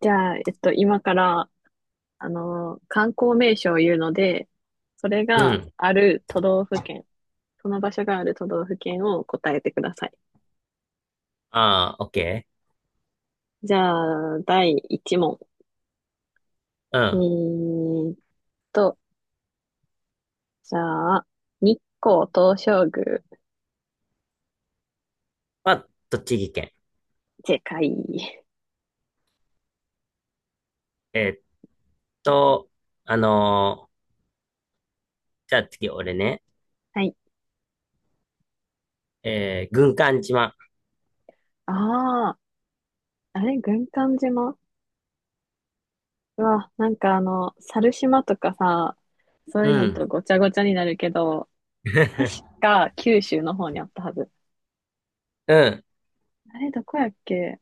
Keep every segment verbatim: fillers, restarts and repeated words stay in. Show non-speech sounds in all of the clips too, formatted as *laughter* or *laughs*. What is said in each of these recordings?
じゃあ、えっと、今から、あのー観光名所を言うので、それうがん。ある都道府県、その場所がある都道府県を答えてください。ああ、オッケじゃあ、だいいちもん問。ー。OK、 うえん。ーっと、じゃあ、日光東照宮。は、栃木県。正解。えーっと、あのーじゃあ次俺ね。はい。えー、軍艦島。ああ、あれ、軍艦島。うわ、なんかあの、猿島とかさ、そうういうのとん。ごちゃごちゃになるけど、確 *laughs* か九州の方にあったはず。うん。あれ、どこやっけ。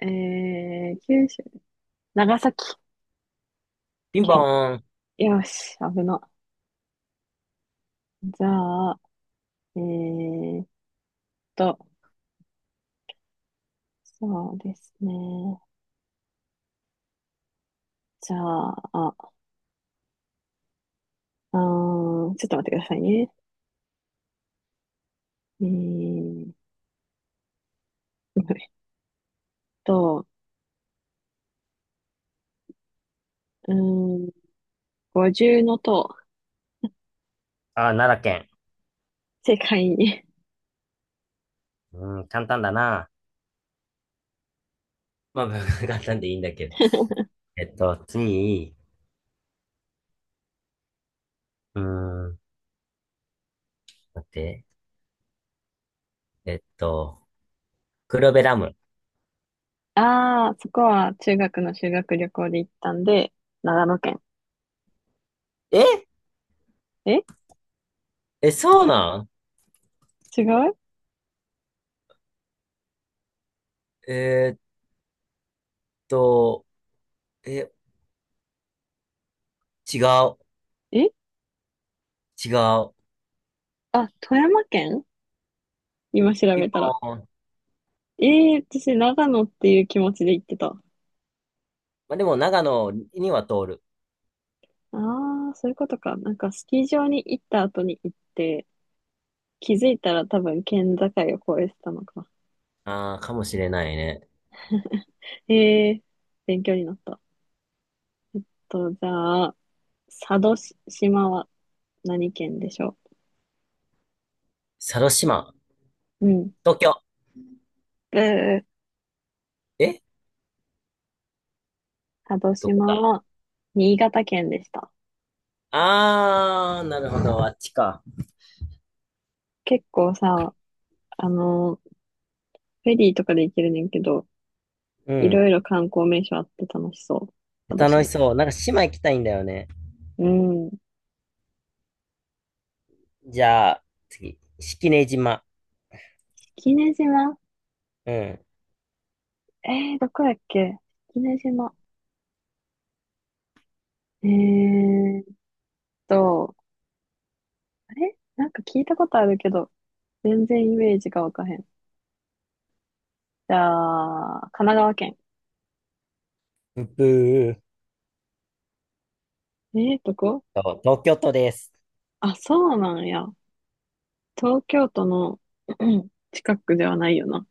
えー、九州、長崎ピンポ県。ーン。よし、危な。じゃあ、えーっと、そうですね。じゃあ、あ、あーちょっと待ってくださいね。えー、えっと、うーん、五重の塔。ああ、奈良県。世界に。うん、簡単だな。まあ、*laughs* 簡単でいいんだけど。えっと、次、うーん、待って。えっと、黒部ダム。*laughs* ああ、そこは中学の修学旅行で行ったんで、長野県。ええ、え、そうなん？違う。えーっと、え、違う。え。違う。あ、富山県、今調ピンべたら。ポーン。えー、私長野っていう気持ちで行ってた。まあ、でも長野には通る。ああ、そういうことか。なんかスキー場に行った後に行って、気づいたら多分県境を越えてたのか。ああ、かもしれないね。ええ、勉強になった。と、じゃあ、佐渡し島は何県でしょ佐渡島、う。うん。東京。えー、え、佐渡どこ島だ？は新潟県でした。ああー、なるほど。あっちか。結構さ、あの、フェリーとかで行けるねんけど、ういん。ろいろ観光名所あって楽しそう。佐渡楽島。しそう。なんか島行きたいんだよね。うん。じゃあ、次。式根島。式根島。うん。えー、どこやっけ。式根島。えーと、あれなんか聞いたことあるけど、全然イメージがわかへん。じゃあ、神奈川県。ブー。ええこそう、東京都です。あ、そうなんや。東京都のうん近くではないよな。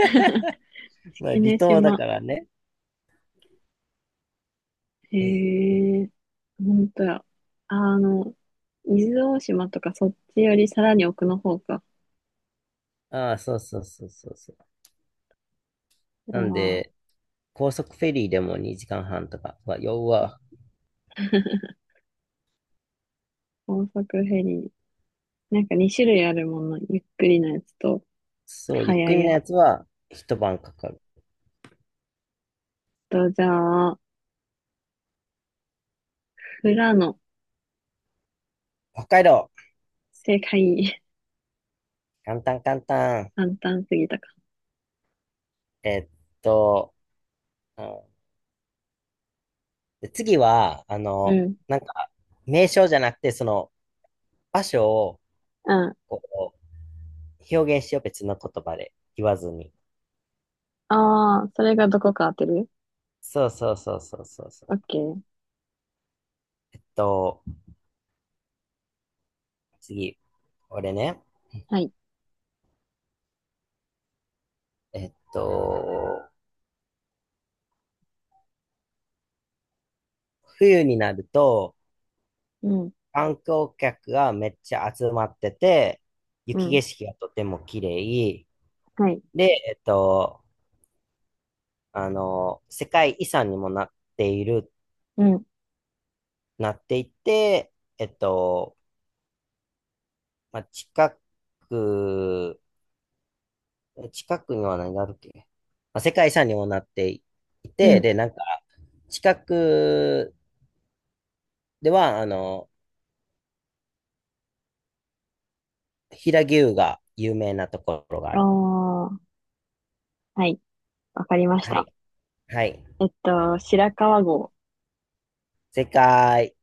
*laughs* 式まあ、根離島だ島。からね。へえ、え、ほんとや。あの、伊豆大島とかそっちよりさらに奥の方か。ああ、そうそうそうそうそう。あなんあ、で、高速フェリーでもにじかんはんとか。うわ、ようわ。*laughs* 高速フェリー。なんかにしゅるい種類あるもの。ゆっくりなやつと、そう、ゆっ速くりいのやつやつは一晩かかる。と、じゃあ、富良野。北海道、正解。簡単簡単。簡単すぎたか。えっと、うんで次は、あうの、ん。なんか、名称じゃなくて、その、場所を、うん。こう、表現しよう、別の言葉で言わずに。ああ、それがどこか当てる。そうそうそうそうそうそオッう。ケー。えっと、次、俺ね、はい。えっと、冬になると、うん。観光客がめっちゃ集まってて、う雪ん。景色がとても綺麗はい。で、えっと、あの、世界遺産にもなっているうん。なっていって、えっと、まあ、近く、近くには何があるっけ、まあ、世界遺産にもなっていうて、ん。で、なんか、近くでは、あの、平牛が有名なところがあある。あ、はい。わかりましはた。い。はい。えっと、白川郷。世界。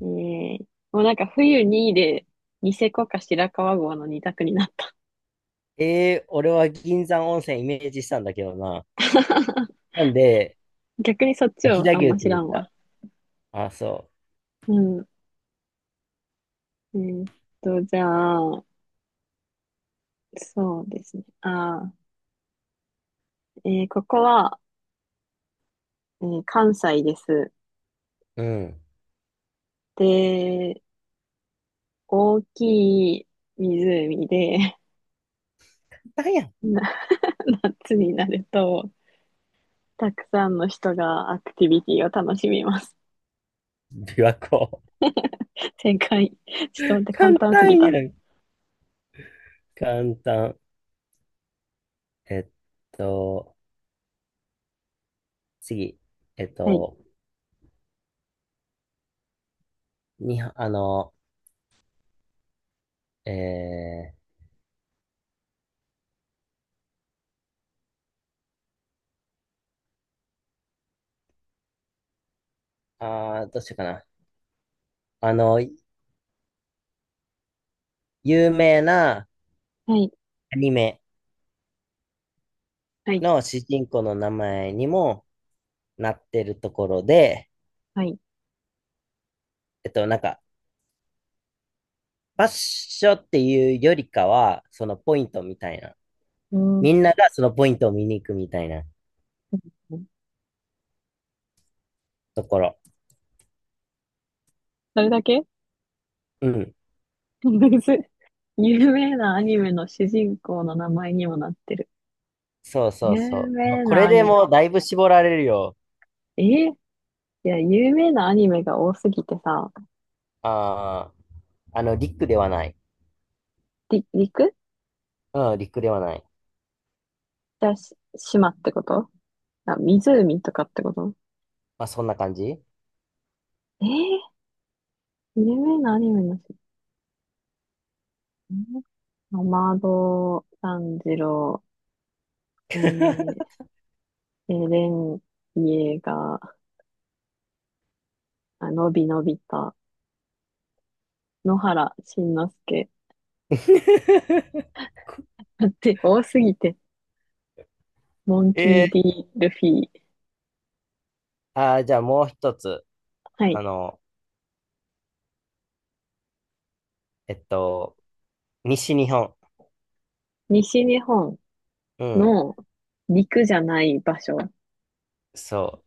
えー、もうなんか冬にで、ニセコか白川郷のにたく択になった。えー、俺は銀山温泉イメージしたんだけどな。*laughs* なんで、逆にそっあ、ち飛を騨あん牛っまて知ら言っんわ。た。あ、そうん。えーっと、じゃあ、そうですね。あー、えーここは、えー関西です。う。うん。で、大きい湖で、簡単やん。*laughs* な夏になると、たくさんの人がアクティビティを楽しみます。琵琶湖。*laughs* 正解。ちょっと待っ *laughs* て、簡簡単すぎ単やた。ん。簡単。えっと、次。えっはい、と、に、あの、えー、あー、どうしようかな。あの、有名なはい、アニメはい、の主人公の名前にもなってるところで、はい。えっと、なんか、場所ッショっていうよりかは、そのポイントみたいな。うーん。みんながそのポイントを見に行くみたいなところ。それだけうん。むずい。*laughs* 有名なアニメの主人公の名前にもなってる。そうそう有そう。まあ名こなれアでニもメ。うだいぶ絞られるよ。えいや、有名なアニメが多すぎてさ、ああ、あの、リックではない。り、陸うん、リックではない。じゃあ、し、島ってこと？あ、湖とかってこと？まあ、そんな感じ。 えー有名なアニメの主題歌アマド炭治郎、えー、エレン・イエーガー、あのびのびた、野原しんのすけ。*laughs* だって多すぎて、モンキー・ え D・ ルフィ。ー、あー、じゃあもう一つ。はあい。の、えっと、西日本。西日本うん、の陸じゃない場所。そ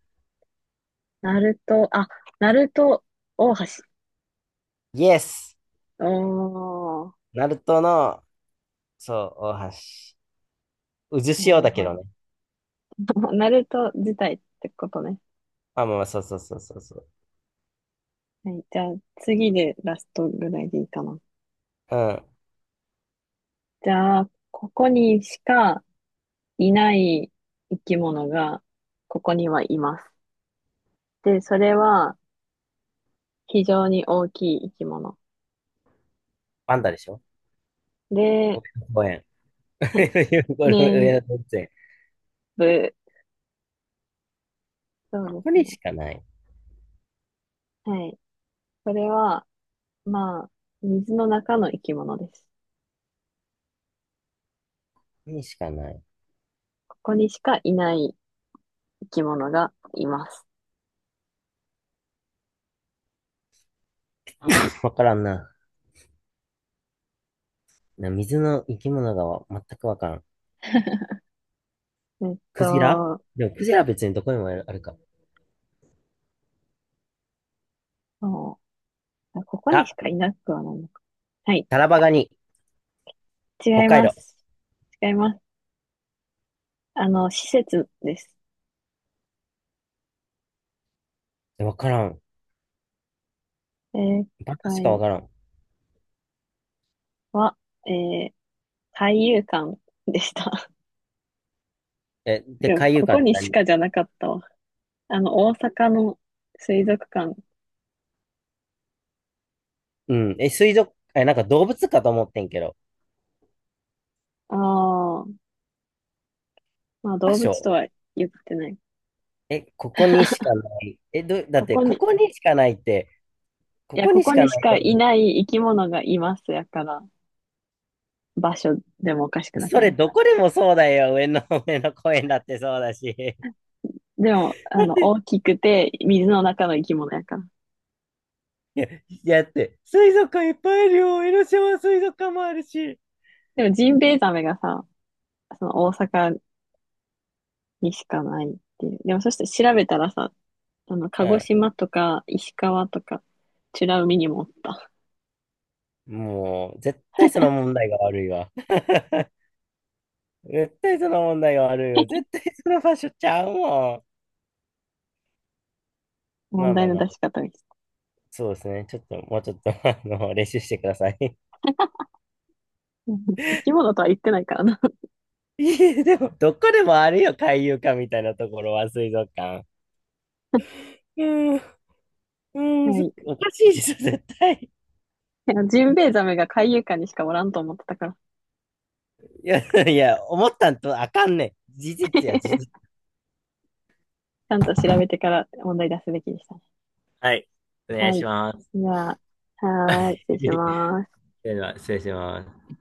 ナルト、あ、ナルト大橋。う。イエス。おー、ナルトの、そう、大橋。渦な潮るだけほどど。ね。*laughs* ナルト自体ってことね。あ、まあまあ、そうそうそうそうそう。はい。じゃあ次でラストぐらいでいいかな。うん。じゃあ、ここにしかいない生き物がここにはいます。で、それは非常に大きい生き物。パンダでしょ？で、上野公園。*laughs* これ上年野動物園。部、そうでこすれね。しかない。こはい。それは、まあ、水の中の生き物です。れしかない。ここにしかいない生き物がいます。わからんな。な、水の生き物がわ全くわからん。えっクジラ、と、でもクジラは別にどこにもあるか。そう、あ、ここにあ、しかいなくはないのか。はい。タラバガニ。北違い海ま道。す。違います。あの、施設です。わからん。正バカしかわ解からん。は、えー海遊館でした。え、*laughs* で、でも、海遊ここ館ってにし何？かじゃなかったわ。あの、大阪の水族館。うん。え、水族、え、なんか動物かと思ってんけど。ああ、まあ場動物所？とは言ってない。え、ここにしかない。え、ど、だこって、こに、こいこにしかないって、こや、ここにしこかにしないか動い物。ない生き物がいますやから、場所でもおかしくなくそなれ、い？どこでもそうだよ。上の、*laughs* 上の公園だってそうだし。でも、*laughs* あだっの、て、大きくて水の中の生き物やから。いや、いやだって、水族館いっぱいいるよ。江ノ島水族館もあるし。でも、ジンベエザメがさ、その大阪にしかないっていう。でも、そして調べたらさ、あの、鹿児う島とか石川とか、美ら海にもおった。ん。もう、絶対その問題が悪いわ。*laughs* 絶対その問題が悪いわ。絶対その場所ちゃうもん。ま問あま題あのまあ。出し方に。そうですね。ちょっと、もうちょっと、*laughs* あの、練習してください。*laughs* *laughs* うん、生き物とは言ってないからな。いえ、でも、どこでもあるよ、海遊館みたいなところは、水族館。*laughs* うん、*laughs* うん、はすい。いおかしいでしょ、絶対。やジンベエザメが海遊館にしかおらんと思ってたから。*laughs* いや、いや、思ったんとあかんねん。事実や、事実。*laughs* ちゃんと調べてから問題出すべきでしたね。はい。お願はいい。します。じゃあ、はーい。失礼 *laughs* します。では、失礼します。